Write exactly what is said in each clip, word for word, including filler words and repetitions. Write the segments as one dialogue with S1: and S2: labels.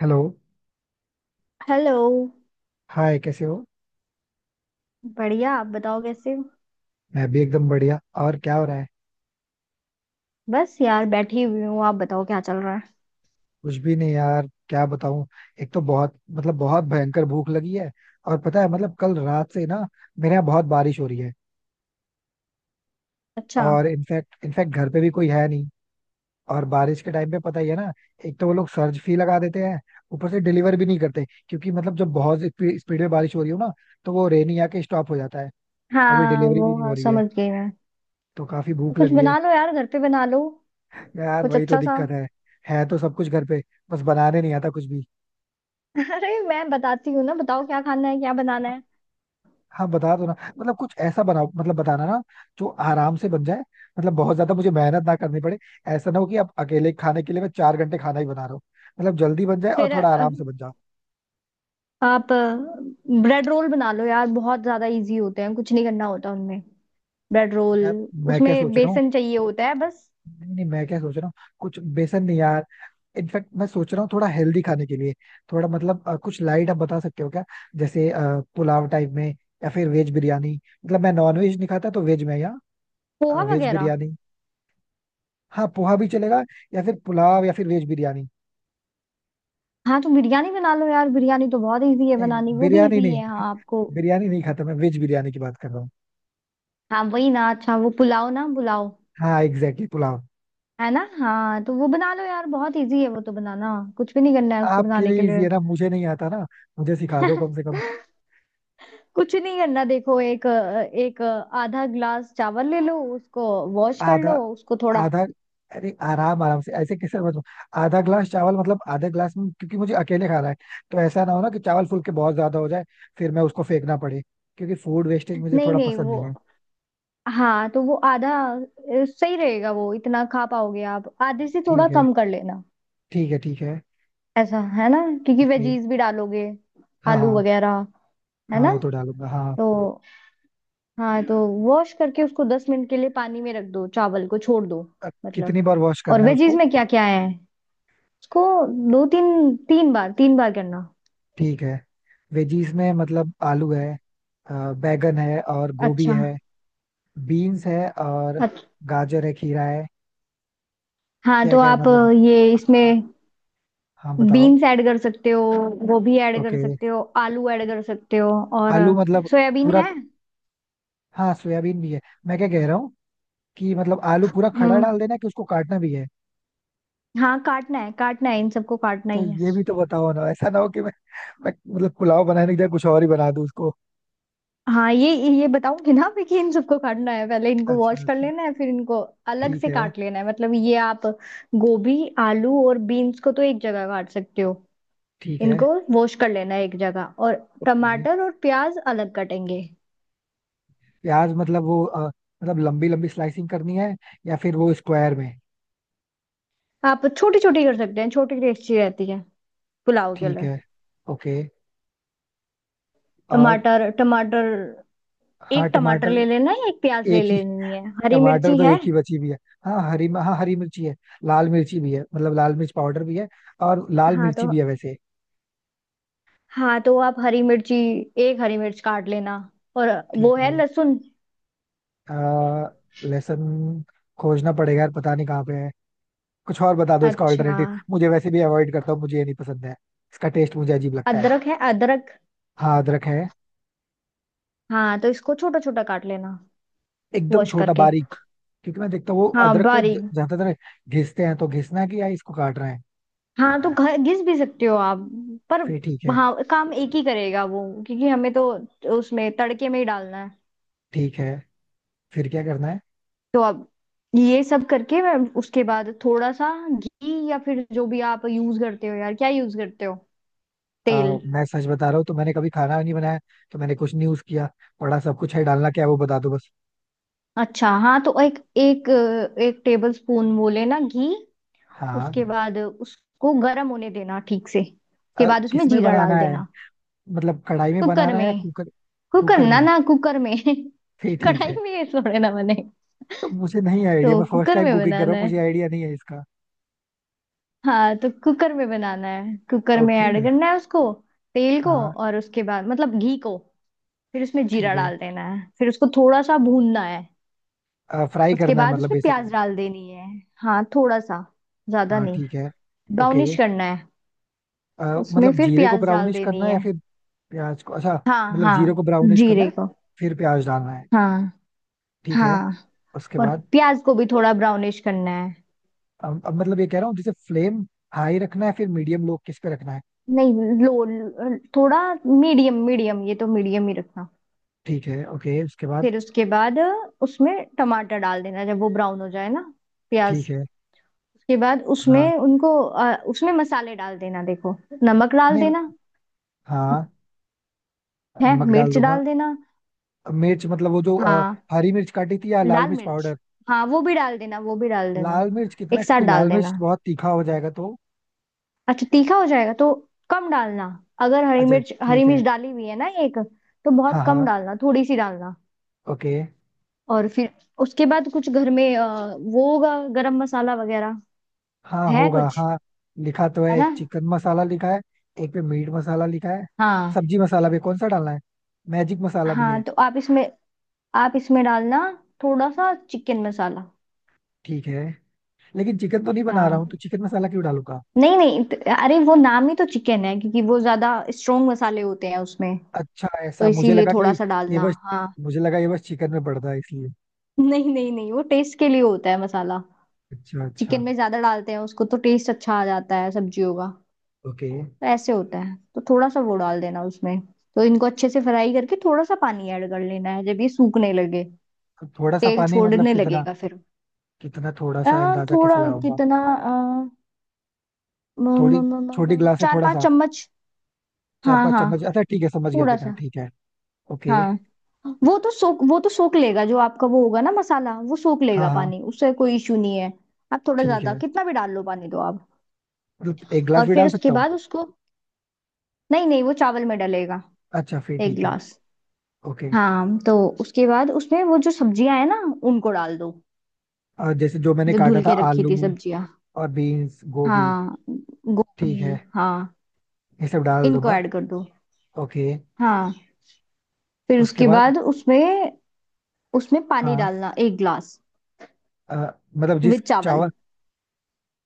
S1: Hello.
S2: Hello.
S1: Hi, कैसे हो?
S2: बढ़िया, आप बताओ कैसे हो?
S1: मैं भी एकदम बढ़िया। और क्या हो रहा है?
S2: बस यार बैठी हुई हूँ, आप बताओ क्या चल रहा है।
S1: कुछ भी नहीं यार, क्या बताऊं। एक तो बहुत, मतलब, बहुत भयंकर भूख लगी है। और पता है, मतलब कल रात से ना, मेरे यहाँ बहुत बारिश हो रही है।
S2: अच्छा।
S1: और इनफैक्ट इनफैक्ट घर पे भी कोई है नहीं। और बारिश के टाइम पे पता ही है ना, एक तो वो लोग सर्ज फी लगा देते हैं। ऊपर से डिलीवर भी नहीं करते, क्योंकि मतलब जब बहुत स्पीड में बारिश हो रही हो ना, तो वो रेनी आके स्टॉप हो जाता है। तो अभी
S2: हाँ
S1: डिलीवरी
S2: वो
S1: भी नहीं हो
S2: हाँ,
S1: रही है।
S2: समझ गई मैं।
S1: तो काफी भूख
S2: कुछ
S1: लगी है।
S2: बना लो यार, घर पे बना लो।
S1: यार,
S2: कुछ
S1: वही तो
S2: अच्छा सा।
S1: दिक्कत है। है तो सब कुछ घर पे, बस बनाने नहीं आता कुछ भी।
S2: अरे मैं बताती हूँ ना, बताओ क्या खाना है, क्या बनाना है।
S1: हाँ, बता दो ना, मतलब कुछ ऐसा बनाओ, मतलब बताना ना, जो आराम से बन जाए। मतलब बहुत ज्यादा मुझे मेहनत ना करनी पड़े। ऐसा ना हो कि अब अकेले खाने के लिए मैं चार घंटे खाना ही बना रहा हूँ। मतलब जल्दी बन जाए और
S2: फिर
S1: थोड़ा
S2: अ,
S1: आराम से बन जाए।
S2: आप ब्रेड रोल बना लो यार, बहुत ज्यादा इजी होते हैं, कुछ नहीं करना होता उनमें। Bread roll.
S1: यार, मैं क्या
S2: उसमें
S1: सोच रहा हूँ।
S2: बेसन चाहिए होता है बस।
S1: नहीं नहीं, मैं क्या सोच रहा हूँ। कुछ बेसन नहीं यार। इनफैक्ट मैं सोच रहा हूँ, थोड़ा हेल्दी खाने के लिए। थोड़ा मतलब अ, कुछ लाइट आप बता सकते हो क्या? जैसे अ, पुलाव टाइप में, या फिर वेज बिरयानी। मतलब मैं नॉन वेज नहीं खाता, तो वेज में या
S2: पोहा
S1: वेज
S2: वगैरह।
S1: बिरयानी। हाँ, पोहा भी चलेगा, या फिर पुलाव या फिर वेज बिरयानी।
S2: हाँ तो बिरयानी बना लो यार, बिरयानी तो बहुत इजी है
S1: नहीं,
S2: बनानी, वो भी
S1: बिरयानी
S2: इजी है,
S1: नहीं।
S2: हाँ आपको।
S1: बिरयानी नहीं खाता, मैं वेज बिरयानी की बात कर रहा हूँ।
S2: हाँ वही ना। अच्छा वो पुलाव ना बुलाओ।
S1: हाँ एग्जैक्टली exactly, पुलाव।
S2: है ना, हाँ तो वो बना लो यार, बहुत इजी है वो तो बनाना। कुछ भी नहीं करना है उसको
S1: आपके
S2: बनाने के
S1: लिए इजी है
S2: लिए।
S1: ना, मुझे नहीं आता ना। मुझे सिखा दो कम से कम।
S2: कुछ नहीं करना, देखो। एक एक आधा ग्लास चावल ले लो उसको। वॉश कर
S1: आधा?
S2: लो उसको थोड़ा।
S1: आधा? अरे, आराम आराम से, ऐसे कैसे मतलब। आधा ग्लास चावल, मतलब आधा ग्लास में, क्योंकि मुझे अकेले खाना है। तो ऐसा ना हो ना कि चावल फूल के बहुत ज्यादा हो जाए, फिर मैं उसको फेंकना पड़े। क्योंकि फूड वेस्टेज मुझे
S2: नहीं
S1: थोड़ा
S2: नहीं
S1: पसंद
S2: वो,
S1: नहीं है।
S2: हाँ तो वो आधा अ, सही रहेगा, वो इतना खा पाओगे आप? आधे से थोड़ा
S1: ठीक है।
S2: कम कर लेना।
S1: ठीक है। ठीक है।
S2: ऐसा है ना, क्योंकि
S1: ओके।
S2: वेजीज भी डालोगे।
S1: हाँ,
S2: आलू
S1: हाँ।
S2: वगैरह। है
S1: हाँ,
S2: ना।
S1: वो तो डालूंगा, हाँ।
S2: तो हाँ तो वॉश करके उसको दस मिनट के लिए पानी में रख दो, चावल को छोड़ दो।
S1: अ,
S2: मतलब
S1: कितनी बार वॉश
S2: और
S1: करना है
S2: वेजीज
S1: उसको?
S2: में क्या क्या है? उसको दो तीन, तीन बार, तीन बार करना।
S1: ठीक है। वेजीज में मतलब आलू है, अ, बैगन है, और गोभी
S2: अच्छा
S1: है। बीन्स है, और
S2: अच्छा।
S1: गाजर है, खीरा है।
S2: हाँ
S1: क्या
S2: तो
S1: क्या है
S2: आप,
S1: मतलब।
S2: ये
S1: हाँ
S2: इसमें
S1: हाँ, बताओ।
S2: बीन्स ऐड कर सकते हो, गोभी ऐड कर
S1: ओके।
S2: सकते हो, आलू ऐड कर सकते हो और
S1: आलू मतलब,
S2: सोयाबीन
S1: पूरा?
S2: है।
S1: हाँ, सोयाबीन भी है। मैं क्या कह रहा हूँ कि मतलब आलू पूरा खड़ा
S2: हम्म।
S1: डाल देना है कि उसको काटना भी है?
S2: हाँ काटना है, काटना है, इन सबको काटना
S1: तो
S2: ही है।
S1: ये भी तो बताओ ना, ऐसा ना हो कि मैं, मैं मतलब पुलाव बनाने की जगह कुछ और ही बना दूँ उसको।
S2: हाँ ये ये बताऊंगी ना मैं, कि इन सबको काटना है, पहले इनको
S1: अच्छा,
S2: वॉश कर
S1: अच्छा।
S2: लेना है, फिर इनको अलग
S1: ठीक
S2: से
S1: है।
S2: काट लेना है। मतलब ये आप गोभी, आलू और बीन्स को तो एक जगह काट सकते हो।
S1: ठीक है।
S2: इनको वॉश कर लेना है एक जगह, और
S1: ओके।
S2: टमाटर और प्याज अलग कटेंगे।
S1: प्याज मतलब वो, अ, मतलब लंबी लंबी स्लाइसिंग करनी है, या फिर वो स्क्वायर में?
S2: आप छोटी छोटी कर सकते हैं, छोटी टेस्टी रहती है पुलाव के
S1: ठीक
S2: लिए।
S1: है। ओके। और
S2: टमाटर टमाटर
S1: हाँ,
S2: एक टमाटर
S1: टमाटर
S2: ले लेना है, एक प्याज ले
S1: एक ही,
S2: लेनी है, हरी
S1: टमाटर
S2: मिर्ची
S1: तो
S2: है।
S1: एक ही बची भी है। हाँ, हरी हाँ, हरी मिर्ची है। लाल मिर्ची भी है, मतलब लाल मिर्च पाउडर भी है। और लाल
S2: हाँ
S1: मिर्ची
S2: तो,
S1: भी है वैसे।
S2: हाँ तो आप हरी मिर्ची, एक हरी मिर्च काट लेना। और
S1: ठीक
S2: वो है
S1: है।
S2: लहसुन।
S1: अ, लहसुन खोजना पड़ेगा यार, पता नहीं कहाँ पे है। कुछ और बता दो इसका
S2: अच्छा,
S1: ऑल्टरनेटिव, मुझे वैसे भी अवॉइड करता हूँ, मुझे ये नहीं पसंद है। इसका टेस्ट मुझे अजीब लगता है।
S2: अदरक है अदरक।
S1: हाँ, अदरक है।
S2: हाँ तो इसको छोटा छोटा काट लेना,
S1: एकदम
S2: वॉश
S1: छोटा
S2: करके।
S1: बारीक? क्योंकि मैं देखता हूँ वो
S2: हाँ
S1: अदरक को ज-
S2: बारीक।
S1: ज्यादातर घिसते हैं, तो घिसना है कि या इसको काट रहे हैं?
S2: हाँ तो घ- घिस भी सकते हो आप। पर
S1: फिर ठीक है।
S2: हाँ, काम एक ही करेगा वो, क्योंकि हमें तो उसमें तड़के में ही डालना है।
S1: ठीक है, फिर क्या करना है?
S2: तो अब ये सब करके मैं, उसके बाद थोड़ा सा घी, या फिर जो भी आप यूज करते हो यार, क्या यूज करते हो,
S1: अ,
S2: तेल?
S1: मैं सच बता रहा हूँ, तो मैंने कभी खाना नहीं बनाया। तो मैंने कुछ नहीं यूज किया। पड़ा सब कुछ है, डालना क्या है वो बता दो बस।
S2: अच्छा, हाँ तो एक एक एक टेबल स्पून वो लेना, घी।
S1: हाँ।
S2: उसके बाद उसको गर्म होने देना ठीक से, उसके
S1: अ,
S2: बाद उसमें
S1: किसमें
S2: जीरा
S1: बनाना
S2: डाल
S1: है?
S2: देना।
S1: मतलब कढ़ाई में
S2: कुकर
S1: बनाना है या
S2: में।
S1: कुकर?
S2: कुकर,
S1: कुकर
S2: ना
S1: में?
S2: ना कुकर में,
S1: फिर ठीक
S2: कढ़ाई
S1: है।
S2: में ये थोड़े ना बने।
S1: तो मुझे नहीं आइडिया,
S2: तो
S1: मैं फर्स्ट
S2: कुकर
S1: टाइम
S2: में
S1: कुकिंग कर रहा
S2: बनाना
S1: हूँ,
S2: है।
S1: मुझे आइडिया नहीं है इसका।
S2: हाँ तो कुकर में बनाना है, कुकर में
S1: ओके।
S2: ऐड करना है उसको तेल को,
S1: हाँ।
S2: और उसके बाद मतलब घी को। फिर उसमें
S1: ठीक
S2: जीरा
S1: है।
S2: डाल देना है, फिर उसको थोड़ा सा भूनना है।
S1: फ्राई
S2: उसके
S1: करना है
S2: बाद
S1: मतलब
S2: उसमें प्याज
S1: बेसिकली?
S2: डाल देनी है। हाँ थोड़ा सा, ज्यादा
S1: हाँ,
S2: नहीं।
S1: ठीक है। ओके।
S2: ब्राउनिश करना है।
S1: अ,
S2: उसमें
S1: मतलब
S2: फिर
S1: जीरे को
S2: प्याज डाल
S1: ब्राउनिश करना
S2: देनी
S1: है या
S2: है।
S1: फिर प्याज को? अच्छा।
S2: हाँ
S1: मतलब जीरे
S2: हाँ।
S1: को ब्राउनिश करना
S2: जीरे
S1: है,
S2: को।
S1: फिर प्याज डालना है।
S2: हाँ
S1: ठीक है।
S2: हाँ।
S1: उसके
S2: और
S1: बाद?
S2: प्याज को भी थोड़ा ब्राउनिश करना है।
S1: अब, अब मतलब ये कह रहा हूँ, जैसे फ्लेम हाई रखना है, फिर मीडियम लो, किस पे रखना है?
S2: नहीं, लो थोड़ा, मीडियम मीडियम, ये तो मीडियम ही रखना।
S1: ठीक है। ओके। उसके बाद?
S2: फिर उसके बाद उसमें टमाटर डाल देना जब वो ब्राउन हो जाए ना, प्याज।
S1: ठीक है।
S2: उसके बाद
S1: हाँ।
S2: उसमें उनको अ, उसमें मसाले डाल देना, देखो। नमक डाल
S1: नहीं।
S2: देना
S1: हाँ,
S2: है।
S1: नमक डाल
S2: मिर्च
S1: दूंगा।
S2: डाल देना।
S1: मिर्च मतलब वो जो अ,
S2: हाँ,
S1: हरी मिर्च काटी थी, या लाल
S2: लाल
S1: मिर्च
S2: मिर्च,
S1: पाउडर?
S2: हाँ वो भी डाल देना, वो भी डाल देना।
S1: लाल मिर्च कितना?
S2: एक साथ
S1: क्योंकि
S2: डाल
S1: लाल मिर्च
S2: देना।
S1: बहुत तीखा हो जाएगा तो।
S2: अच्छा, तीखा हो जाएगा तो कम डालना। अगर हरी
S1: अच्छा,
S2: मिर्च, हरी
S1: ठीक है।
S2: मिर्च डाली हुई है ना एक, तो
S1: हाँ
S2: बहुत कम
S1: हाँ।
S2: डालना, थोड़ी सी डालना।
S1: ओके।
S2: और फिर उसके बाद कुछ घर में, अ, वो होगा गरम मसाला वगैरह,
S1: हाँ,
S2: है
S1: होगा,
S2: कुछ?
S1: हाँ। लिखा तो है,
S2: है ना।
S1: एक चिकन मसाला लिखा है। एक पे मीट मसाला लिखा है।
S2: हाँ
S1: सब्जी मसाला भी। कौन सा डालना है? मैजिक मसाला भी है।
S2: हाँ तो आप इसमें, आप इसमें डालना थोड़ा सा चिकन मसाला।
S1: ठीक है। लेकिन चिकन तो नहीं बना रहा हूँ, तो
S2: हाँ,
S1: चिकन मसाला क्यों डालूंगा?
S2: नहीं नहीं त- अरे वो नाम ही तो चिकन है, क्योंकि वो ज्यादा स्ट्रोंग मसाले होते हैं उसमें,
S1: अच्छा,
S2: तो
S1: ऐसा मुझे
S2: इसीलिए
S1: लगा कि
S2: थोड़ा सा
S1: ये
S2: डालना।
S1: बस
S2: हाँ।
S1: मुझे लगा ये बस चिकन में पड़ता है इसलिए।
S2: नहीं नहीं नहीं, वो टेस्ट के लिए होता है मसाला।
S1: अच्छा, अच्छा।
S2: चिकन में ज्यादा डालते हैं उसको, तो टेस्ट अच्छा आ जाता है सब्जियों का।
S1: ओके।
S2: तो ऐसे होता है, तो थोड़ा सा वो डाल देना उसमें। तो इनको अच्छे से फ्राई करके थोड़ा सा पानी ऐड कर लेना है जब ये सूखने लगे,
S1: तो थोड़ा सा
S2: तेल
S1: पानी, मतलब
S2: छोड़ने
S1: कितना?
S2: लगेगा फिर।
S1: कितना थोड़ा
S2: आ,
S1: सा, अंदाजा कैसे
S2: थोड़ा
S1: लगाऊंगा?
S2: कितना, आ, म, म,
S1: थोड़ी
S2: म, म,
S1: छोटी
S2: म,
S1: गिलास से
S2: चार
S1: थोड़ा
S2: पांच
S1: सा?
S2: चम्मच
S1: चार
S2: हाँ
S1: पांच
S2: हाँ।
S1: चम्मच अच्छा ठीक है, समझ गया
S2: थोड़ा
S1: कितना,
S2: सा।
S1: ठीक है। ओके।
S2: हाँ वो तो सोख, वो तो सोख लेगा, जो आपका वो होगा ना मसाला, वो सोख
S1: हाँ
S2: लेगा
S1: हाँ।
S2: पानी, उससे कोई इशू नहीं है। आप थोड़ा
S1: ठीक
S2: ज्यादा
S1: है,
S2: कितना भी डाल लो पानी दो आप।
S1: मतलब एक गिलास
S2: और
S1: भी
S2: फिर
S1: डाल
S2: उसके
S1: सकता हूँ?
S2: बाद उसको, नहीं नहीं वो चावल में डलेगा।
S1: अच्छा, फिर
S2: एक
S1: ठीक है।
S2: गिलास।
S1: ओके।
S2: हाँ तो उसके बाद उसमें वो जो सब्जियां है ना, उनको डाल दो,
S1: और जैसे जो मैंने
S2: जो
S1: काटा
S2: धुल
S1: था,
S2: के रखी थी
S1: आलू
S2: सब्जियां।
S1: और बीन्स, गोभी।
S2: हाँ
S1: ठीक है,
S2: गोभी, हाँ।
S1: ये सब डाल
S2: इनको
S1: दूंगा।
S2: ऐड कर दो।
S1: ओके।
S2: हाँ। फिर
S1: उसके
S2: उसके
S1: बाद?
S2: बाद उसमें, उसमें पानी
S1: हाँ।
S2: डालना एक ग्लास।
S1: अ, मतलब जिस
S2: विद चावल।
S1: चावल,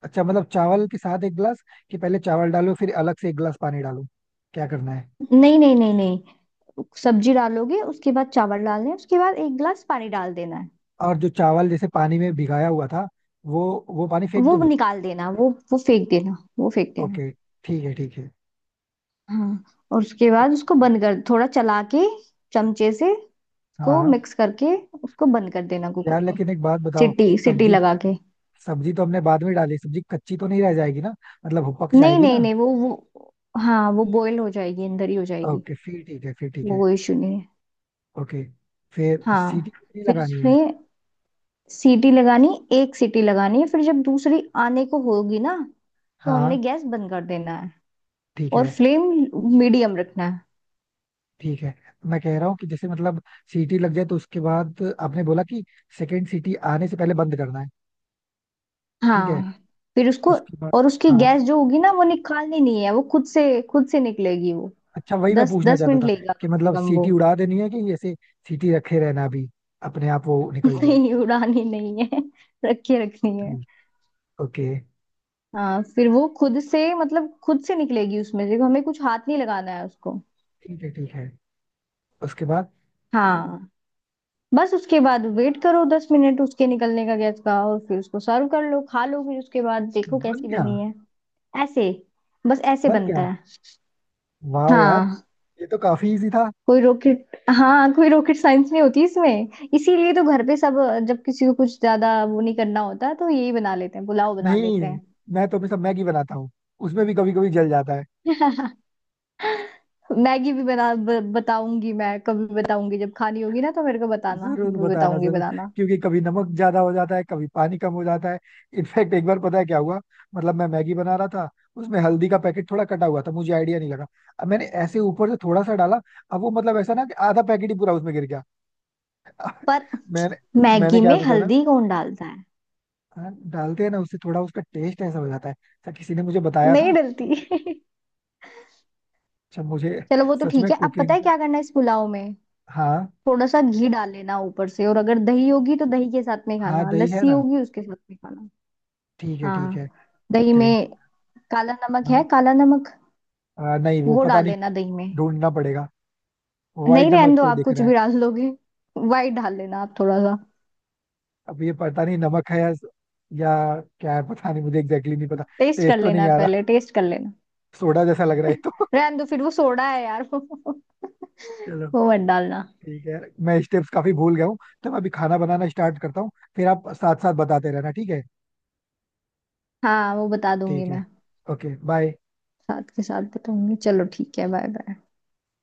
S1: अच्छा, मतलब चावल के साथ एक गिलास, कि पहले चावल डालो फिर अलग से एक गिलास पानी डालो, क्या करना है?
S2: नहीं नहीं नहीं नहीं सब्जी डालोगे, उसके बाद चावल डालने हैं, उसके बाद एक ग्लास पानी डाल देना है।
S1: और जो चावल जैसे पानी में भिगाया हुआ था, वो वो पानी फेंक
S2: वो
S1: दूं?
S2: निकाल देना, वो वो फेंक देना, वो फेंक देना।
S1: ओके। ठीक है। ठीक है।
S2: हाँ और उसके बाद उसको बंद कर, थोड़ा चला के चमचे से को
S1: हाँ।
S2: मिक्स करके, उसको बंद कर देना
S1: यार,
S2: कुकर को।
S1: लेकिन एक बात बताओ,
S2: सीटी, सीटी
S1: सब्जी,
S2: लगा के।
S1: सब्जी तो हमने बाद में डाली, सब्जी कच्ची तो नहीं रह जाएगी ना? मतलब वो पक
S2: नहीं
S1: जाएगी
S2: नहीं
S1: ना?
S2: नहीं वो वो हाँ, वो बॉईल हो जाएगी, अंदर ही हो जाएगी।
S1: ओके, फिर ठीक है। फिर ठीक
S2: वो
S1: है।
S2: कोई इशू नहीं है।
S1: ओके। फिर सीटी
S2: हाँ
S1: कितनी
S2: फिर
S1: लगानी है?
S2: उसमें सीटी लगानी, एक सीटी लगानी है, फिर जब दूसरी आने को होगी ना तो हमने
S1: हाँ,
S2: गैस बंद कर देना है।
S1: ठीक
S2: और
S1: है।
S2: फ्लेम मीडियम रखना है।
S1: ठीक है। मैं कह रहा हूँ कि जैसे मतलब सीटी लग जाए, तो उसके बाद आपने बोला कि सेकंड सीटी आने से पहले बंद करना है। ठीक है।
S2: हाँ फिर उसको,
S1: उसके बाद?
S2: और उसकी
S1: हाँ।
S2: गैस जो होगी ना, वो निकालनी नहीं है, वो खुद से, खुद से निकलेगी वो।
S1: अच्छा, वही मैं
S2: दस
S1: पूछना
S2: दस
S1: चाहता
S2: मिनट
S1: था
S2: लेगा
S1: कि
S2: कम से
S1: मतलब
S2: कम वो।
S1: सीटी उड़ा देनी है कि ऐसे सीटी रखे रहना, अभी अपने आप वो निकल जाए?
S2: नहीं उड़ानी नहीं है, रखी रखनी है।
S1: ठीक। ओके।
S2: हाँ फिर वो खुद से, मतलब खुद से निकलेगी उसमें से, हमें कुछ हाथ नहीं लगाना है उसको।
S1: ठीक है। ठीक है। उसके बाद?
S2: हाँ बस उसके बाद वेट करो दस मिनट उसके निकलने का, गैस का, और फिर उसको सर्व कर लो, खा लो, फिर उसके बाद देखो
S1: बन
S2: कैसी
S1: गया?
S2: बनी है। ऐसे, बस ऐसे
S1: बन
S2: बनता
S1: गया!
S2: है।
S1: वाह यार,
S2: हाँ।
S1: ये तो काफी इजी था।
S2: कोई रॉकेट हाँ कोई रॉकेट साइंस नहीं होती इसमें। इसीलिए तो घर पे सब, जब किसी को कुछ ज्यादा वो नहीं करना होता तो यही बना लेते हैं, पुलाव बना
S1: नहीं,
S2: लेते
S1: मैं तो हमेशा मैगी बनाता हूँ। उसमें भी कभी कभी जल जाता है।
S2: हैं। मैगी भी बना ब, बताऊंगी मैं, कभी बताऊंगी, जब खानी होगी ना तो मेरे को बताना,
S1: जरूर
S2: वो
S1: बताना,
S2: बताऊंगी
S1: जरूर।
S2: बनाना।
S1: क्योंकि कभी नमक ज्यादा हो जाता है, कभी पानी कम हो जाता है। इनफैक्ट एक बार पता है क्या हुआ, मतलब मैं मैगी बना रहा था, उसमें हल्दी का पैकेट थोड़ा कटा हुआ था, मुझे आइडिया नहीं लगा। अब मैंने ऐसे ऊपर से थोड़ा सा डाला। अब वो मतलब ऐसा ना कि आधा पैकेट ही पूरा उसमें गिर गया।
S2: पर
S1: मैंने मैंने
S2: मैगी
S1: क्या
S2: में
S1: सोचा ना।
S2: हल्दी कौन डालता है।
S1: हाँ, डालते हैं ना, उससे थोड़ा उसका टेस्ट ऐसा हो जाता है अच्छा, किसी ने मुझे बताया था।
S2: नहीं डलती।
S1: अच्छा, मुझे
S2: चलो वो तो
S1: सच
S2: ठीक
S1: में
S2: है, अब पता
S1: कुकिंग
S2: है
S1: का।
S2: क्या करना है इस पुलाव में?
S1: हाँ।
S2: थोड़ा सा घी डाल लेना ऊपर से, और अगर दही होगी तो दही के साथ में
S1: हाँ,
S2: खाना,
S1: दही है
S2: लस्सी
S1: ना।
S2: होगी उसके साथ में खाना।
S1: ठीक है। ठीक है।
S2: हाँ। दही
S1: थैंक यू।
S2: में काला नमक है,
S1: हाँ।
S2: काला नमक,
S1: आ, नहीं वो
S2: वो
S1: पता
S2: डाल
S1: नहीं,
S2: लेना दही में।
S1: ढूंढना पड़ेगा। वाइट
S2: नहीं
S1: नमक
S2: रहने दो,
S1: तो
S2: आप
S1: दिख
S2: कुछ
S1: रहा है।
S2: भी डाल लोगे। वाइट डाल लेना आप थोड़ा सा।
S1: अब ये पता नहीं नमक है या या क्या है, पता नहीं, मुझे एग्जैक्टली exactly नहीं पता।
S2: टेस्ट कर
S1: टेस्ट तो नहीं
S2: लेना,
S1: आ रहा,
S2: पहले टेस्ट कर लेना।
S1: सोडा जैसा लग रहा है ये तो।
S2: रहने दो फिर, वो सोडा है यार वो।
S1: चलो,
S2: वो मत डालना।
S1: ठीक है। मैं स्टेप्स काफी भूल गया हूँ, तो मैं अभी खाना बनाना स्टार्ट करता हूँ, फिर आप साथ साथ बताते रहना, ठीक है?
S2: हाँ वो बता दूंगी
S1: ठीक
S2: मैं,
S1: है। ओके। बाय।
S2: साथ के साथ बताऊंगी, चलो ठीक है, बाय बाय।